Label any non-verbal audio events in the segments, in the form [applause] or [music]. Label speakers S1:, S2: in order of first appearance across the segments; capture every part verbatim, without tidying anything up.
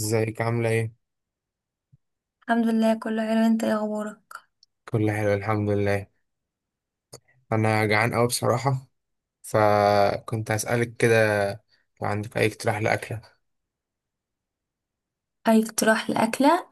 S1: ازيك عاملة ايه؟
S2: الحمد لله كله حلو. انت ايه اخبارك؟
S1: كله حلو الحمد لله. انا جعان اوي بصراحة، فكنت هسألك كده لو عندك اي اقتراح لأكلة.
S2: اي اقتراح لاكله.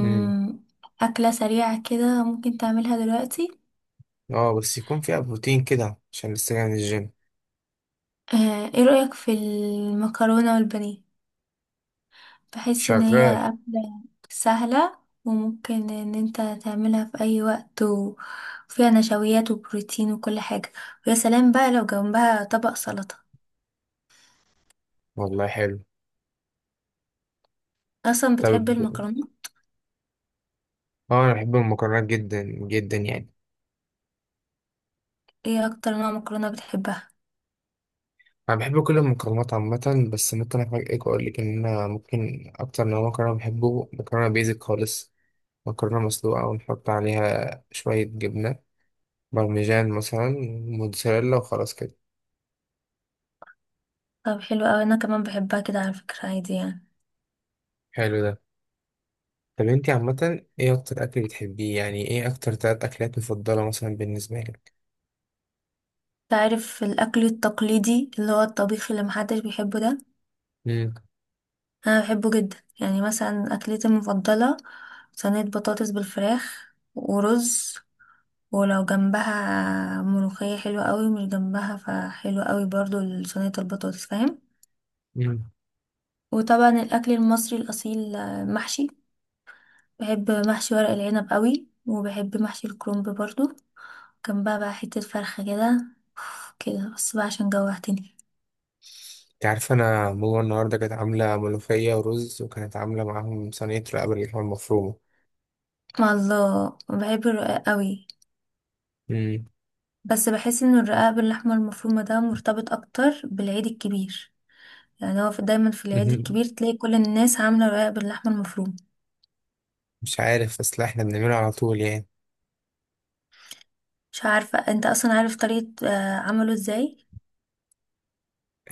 S1: امم.
S2: اكله سريعه كده ممكن تعملها دلوقتي.
S1: اه بس يكون فيها بروتين كده عشان لسه جاي من الجيم.
S2: آه، ايه رايك في المكرونه والبانيه؟ بحس ان هي
S1: شغال.
S2: اكله سهله، وممكن ان انت تعملها في اي وقت، وفيها نشويات وبروتين وكل حاجه. ويا سلام بقى لو جنبها طبق سلطه.
S1: والله حلو.
S2: اصلا
S1: طب،
S2: بتحب المكرونه؟
S1: اه انا بحب المكرونات جدا جدا يعني.
S2: ايه اكتر نوع مكرونه بتحبها؟
S1: انا بحب كل المكرونات عامة، بس ممكن افاجئك واقول لك ان انا ممكن اكتر نوع مكرونة بحبه مكرونة بيزك خالص. مكرونة مسلوقة ونحط عليها شوية جبنة بارميجان مثلا، موتزاريلا وخلاص كده.
S2: طب حلو اوي، انا كمان بحبها كده على فكره عادي يعني.
S1: حلو ده. طب انتي عامة ايه اكتر اكل بتحبيه؟ يعني ايه اكتر تلات اكلات مفضلة مثلا بالنسبة لك؟
S2: تعرف الأكل التقليدي اللي هو الطبيخ اللي محدش بيحبه ده،
S1: امم.
S2: أنا بحبه جدا. يعني مثلا أكلتي المفضلة صينية بطاطس بالفراخ ورز، ولو جنبها ملوخية حلوة قوي، مش جنبها فحلوة قوي برضو صينية البطاطس، فاهم؟
S1: امم.
S2: وطبعا الأكل المصري الأصيل، آه، محشي. بحب محشي ورق العنب قوي، وبحب محشي الكرنب برضو، جنبها بقى حتة فرخة كده. كده بس بقى عشان جوعتني.
S1: انت عارفة، انا ماما النهاردة كانت عاملة ملوخية ورز، وكانت عاملة معاهم صينية رقبة اللحمة المفرومة.
S2: مع الله بحب الرقاق قوي،
S1: امم.
S2: بس بحس ان الرقاق باللحمة المفرومة ده مرتبط اكتر بالعيد الكبير. يعني هو في دايما في العيد
S1: مهم.
S2: الكبير تلاقي كل الناس عاملة رقاق باللحمة المفرومة.
S1: مش عارف، بس لا احنا بنعملها على طول يعني.
S2: مش عارفة انت اصلا عارف طريقة آه، عمله ازاي.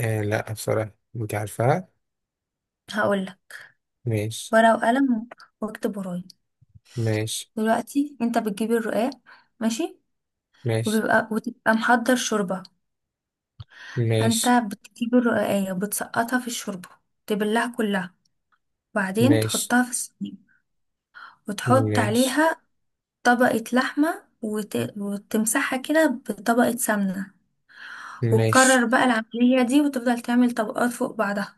S1: آه، لا بصراحة انت عارفاها.
S2: هقولك،
S1: ماشي.
S2: ورقة وقلم، واكتب ورايا.
S1: ماشي.
S2: دلوقتي انت بتجيب الرقاق. ماشي.
S1: ماشي.
S2: وبيبقى وتبقى محضر شوربة. فانت
S1: ماشي.
S2: بتجيب الرقاقية، بتسقطها في الشوربة، تبلها كلها، وبعدين
S1: ماشي.
S2: تحطها في الصينية، وتحط
S1: ماشي.
S2: عليها طبقة لحمة، وت... وتمسحها كده بطبقة سمنة.
S1: ماشي.
S2: وتكرر بقى العملية دي، وتفضل تعمل طبقات فوق بعضها.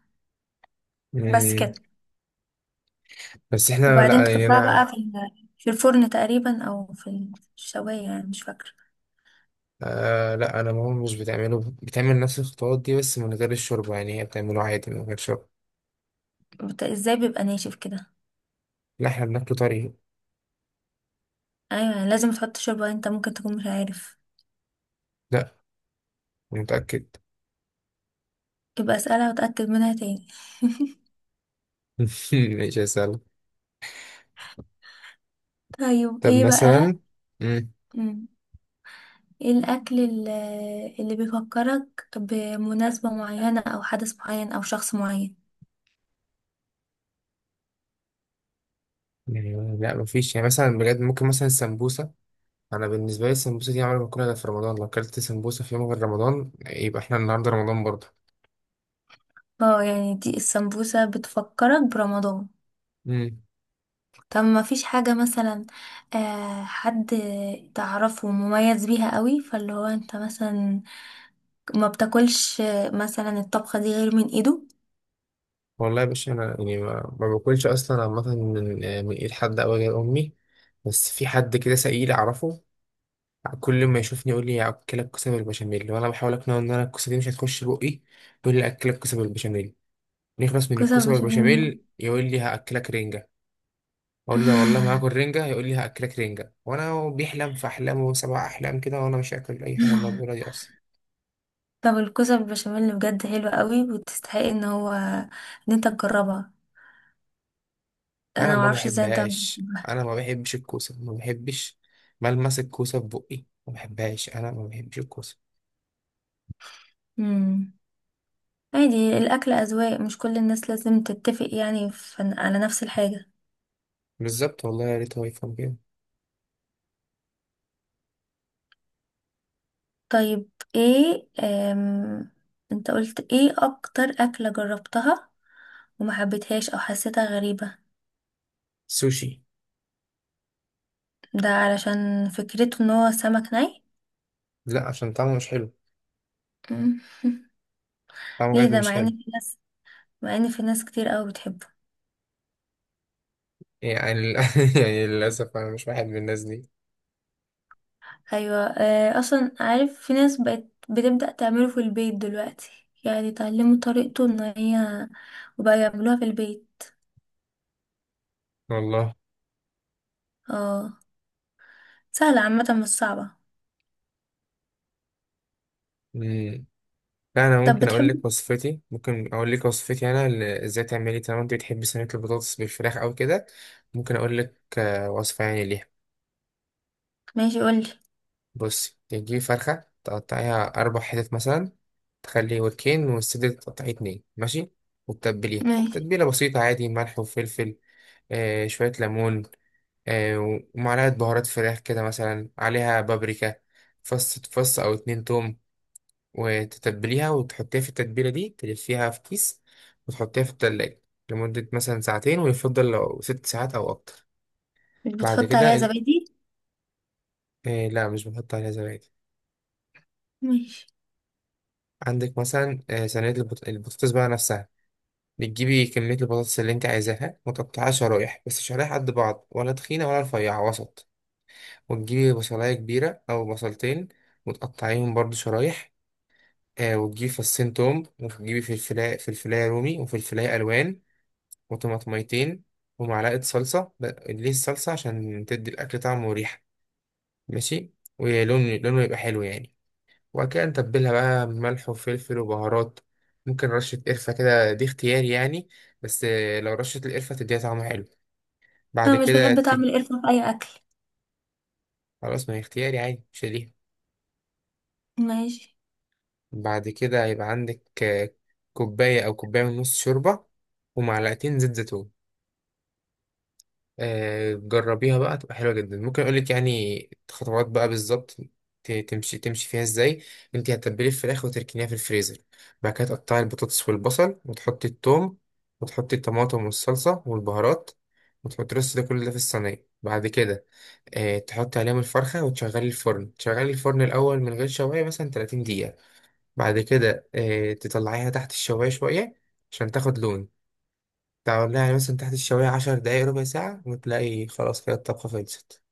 S2: بس
S1: مم.
S2: كده.
S1: بس احنا،
S2: وبعدين
S1: لا يعني
S2: تحطها بقى
S1: انا،
S2: في ال- في الفرن تقريبا، أو في الشواية، يعني مش فاكرة.
S1: آه، لا انا ماما مش بتعمله، بتعمل نفس الخطوات دي بس من غير الشوربه، يعني هي بتعمله عادي من غير شوربه.
S2: بت... ازاي بيبقى ناشف كده؟
S1: لا احنا بناكله طري.
S2: أيوة لازم تحط شوربة، انت ممكن تكون مش عارف.
S1: لا، أنا متاكد.
S2: يبقى اسألها وتأكد منها تاني.
S1: [laughs] مش هسألك.
S2: طيب
S1: طب
S2: ايه بقى.
S1: مثلا. مم.
S2: مم. ايه الأكل ال- اللي بيفكرك بمناسبة معينة أو حدث معين أو شخص معين؟
S1: يعني لا مفيش، يعني مثلا بجد ممكن مثلا السمبوسه. انا بالنسبه لي السمبوسه دي عمري ما باكلها غير في رمضان، لو اكلت سمبوسه في يوم غير رمضان يبقى احنا النهارده رمضان برضه.
S2: اه يعني دي السمبوسة بتفكرك برمضان.
S1: مم.
S2: طب ما فيش حاجة مثلا، آه، حد تعرفه مميز بيها قوي، فاللي هو انت مثلا ما بتاكلش، آه، مثلا الطبخة دي غير من ايده؟
S1: والله يا باشا، انا يعني ما, ما باكلش اصلا عامه من من ايد حد او غير امي. بس في حد كده سئيل اعرفه، كل ما يشوفني يقول لي اكلك كوسه بالبشاميل، وانا بحاول اقنعه ان انا الكوسه دي مش هتخش بقي. يقول لي اكلك كوسه بالبشاميل، نخلص من
S2: كوسة
S1: الكوسه
S2: بشاميل.
S1: بالبشاميل يقول لي هاكلك رنجه. اقول له والله ما هاكل
S2: [laughs]
S1: رنجه، يقول لي هاكلك رنجه، وانا بيحلم في احلامه سبع احلام كده، وانا مش هاكل اي حاجه موجوده دي اصلا.
S2: طب الكوسة بالبشاميل بجد حلوة قوي، وتستحق ان هو ان انت تجربها.
S1: انا
S2: انا
S1: ما
S2: معرفش ازاي انت مش
S1: بحبهاش،
S2: بتحبها.
S1: انا ما بحبش الكوسه ما بحبش. ملمس الكوسه في بقي ما بحبهاش، انا ما بحبش الكوسه.
S2: مم. عادي، الاكل اذواق، مش كل الناس لازم تتفق يعني في على نفس الحاجة.
S1: بالظبط، والله يا ريت هو يفهم كده.
S2: طيب ايه، أم... انت قلت ايه اكتر اكلة جربتها وما حبيتهاش او حسيتها غريبة؟
S1: سوشي.
S2: ده علشان فكرته ان هو سمك ني؟
S1: لا عشان طعمه مش حلو.
S2: مم. [laughs]
S1: طعمه
S2: ليه
S1: بجد
S2: ده،
S1: مش
S2: مع ان
S1: حلو.
S2: في ناس، مع ان في ناس كتير قوي بتحبه.
S1: يعني لل- [laughs] يعني للأسف أنا مش واحد من الناس دي.
S2: ايوه، آه، اصلا عارف في ناس بقت بتبدأ تعمله في البيت دلوقتي، يعني اتعلموا طريقته ان هي وبقى يعملوها في البيت.
S1: والله.
S2: اه، سهلة عامة، مش صعبة.
S1: مم. لا أنا
S2: طب
S1: ممكن أقول
S2: بتحب.
S1: لك وصفتي، ممكن أقول لك وصفتي أنا ل- إزاي تعملي، طالما أنت بتحبي صينية البطاطس بالفراخ أو كده. ممكن أقول لك آه، وصفة يعني ليها.
S2: ماشي قولي.
S1: بصي تجيبي فرخة تقطعيها أربع حتت مثلا، تخلي وركين والصدر تقطعيه اتنين، ماشي. وتتبليه
S2: ماشي.
S1: تتبيلة بسيطة عادي، ملح وفلفل، آه شوية ليمون، آه، ومعلقة بهارات فراخ كده مثلا عليها بابريكا، فص فص أو اتنين توم. وتتبليها وتحطيها في التتبيلة دي، تلفيها في كيس وتحطيها في التلاجة لمدة مثلا ساعتين، ويفضل لو ست ساعات أو أكتر.
S2: مش
S1: بعد
S2: بتحط
S1: كده
S2: عليها
S1: ال...
S2: زبادي؟
S1: آه لا مش بنحط عليها زبادي.
S2: ماشي.
S1: عندك مثلا آه، صينية البط... البطاطس بقى نفسها. بتجيبي كمية البطاطس اللي انت عايزاها وتقطعها شرايح، بس شرايح قد بعض، ولا تخينة ولا رفيعة، وسط. وتجيبي بصلاية كبيرة أو بصلتين، وتقطعيهم برضو شرايح. آه، وتجيبي فصين توم، وتجيبي فلفلاية، فلفلاية رومي وفلفلاية ألوان، وطماطميتين، ومعلقة صلصة. ب- ليه الصلصة؟ عشان تدي الأكل طعم وريحة، ماشي، ولون، لونه يبقى حلو يعني. وبعد كده نتبلها بقى بملح وفلفل وبهارات. ممكن رشة قرفة كده، دي اختياري يعني، بس آه، لو رشة القرفة تديها طعم حلو. بعد
S2: انا مش
S1: كده
S2: بحب طعم
S1: ت-
S2: القرفة في اي اكل.
S1: خلاص، ما هي اختياري عادي مش ليها.
S2: ماشي.
S1: بعد كده هيبقى عندك آه، كوباية أو كوباية ونص شوربة، ومعلقتين زيت زيتون. آه، جربيها بقى تبقى حلوة جدا. ممكن اقول لك يعني خطوات بقى بالظبط ت- تمشي تمشي فيها ازاي. انت هتتبلي الفراخ وتركنيها في الفريزر، بعد كده تقطعي البطاطس والبصل، وتحطي الثوم، وتحطي الطماطم والصلصة والبهارات، وتحطي الرز، ده كله ده في الصينية. بعد كده آه، تحطي عليهم الفرخة وتشغلي الفرن، تشغلي الفرن الأول من غير شواية مثلا تلاتين دقيقة. بعد كده آه، تطلعيها تحت الشواية شوية عشان تاخد لون. تعمل لها يعني مثلا تحت الشواية عشر دقايق ربع ساعة، وتلاقي خلاص كده الطبخة خلصت.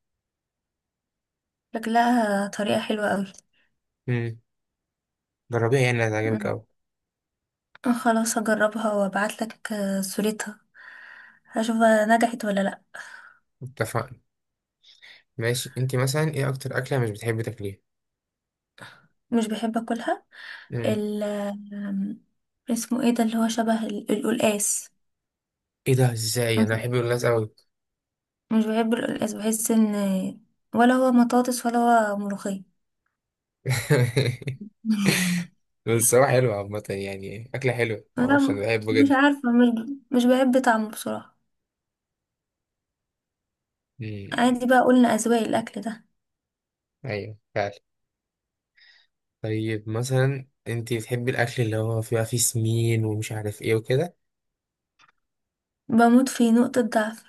S2: شكلها طريقة حلوة قوي.
S1: امم. جربيها يعني هتعجبك
S2: أمم.
S1: أوي.
S2: خلاص هجربها وابعت لك صورتها، هشوف بقى نجحت ولا لا.
S1: اتفقنا. ماشي، انتي مثلا ايه أكتر أكلة مش بتحبي تاكليها؟
S2: مش بحب اكلها،
S1: امم.
S2: ال آم، اسمه ايه ده اللي هو شبه ال- القلقاس.
S1: ايه ده؟ ازاي
S2: مش
S1: أنا بحب الناس أوي!
S2: مش بحب القلقاس، بحس ان ولا هو مطاطس ولا هو ملوخية.
S1: [laughs]
S2: [laughs]
S1: بس هو حلو عامة يعني، أكلة حلوة
S2: لا،
S1: معرفش، أنا
S2: م-
S1: بحبه
S2: مش
S1: جدا.
S2: عارفة، مش ب- مش بحب طعمه بصراحة. عادي
S1: امم.
S2: بقى، قلنا أذواق الأكل ده.
S1: أيوه فعلا. طيب مثلا انتي بتحبي الأكل اللي هو فيها فيه سمين ومش عارف ايه وكده؟
S2: بموت في، نقطة ضعف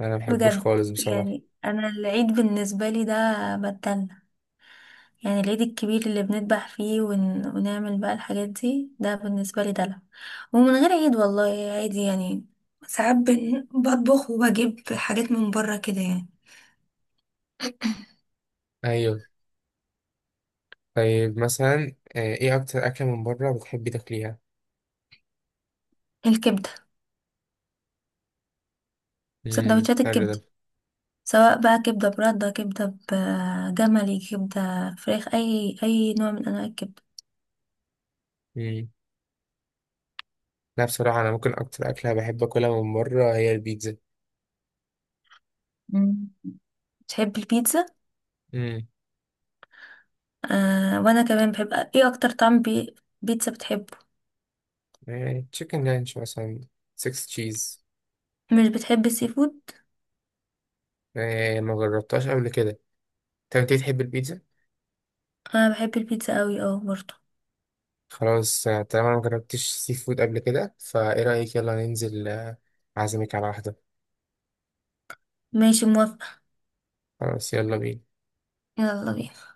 S1: أنا مبحبوش
S2: بجد.
S1: خالص بصراحة.
S2: يعني انا العيد بالنسبه لي ده بتدلع، يعني العيد الكبير اللي بنذبح فيه ون... ونعمل بقى الحاجات دي، ده بالنسبه لي دلع. ومن غير عيد والله عادي يعني، ساعات بن- بطبخ وبجيب حاجات من بره كده يعني.
S1: أيوه. طيب مثلا آه، ايه أكتر أكلة من بره بتحبي تاكليها؟
S2: الكبده.
S1: امم،
S2: سندوتشات
S1: حلو ده.
S2: الكبده، سواء بقى كبده برده، كبده بجملي، كبده فراخ، اي اي نوع من انواع الكبده.
S1: امم. لا بصراحة، أنا ممكن أكتر أكلة بحب أكلها من بره هي البيتزا.
S2: مم. بتحب البيتزا؟
S1: امم.
S2: آه، وانا كمان بحب. ايه اكتر طعم بي... بيتزا بتحبه؟
S1: تشيكن لانش مثلا، سكس تشيز.
S2: مش بتحب السي فود؟
S1: ما جربتهاش قبل كده. طب أنت بتحب البيتزا؟
S2: انا بحب البيتزا قوي اه برضه.
S1: خلاص آه، طالما أنا مجربتش سي فود قبل كده، فإيه رأيك؟ يلا ننزل آه، أعزمك على واحدة.
S2: ماشي موافقة.
S1: خلاص يلا بينا.
S2: يلا بينا.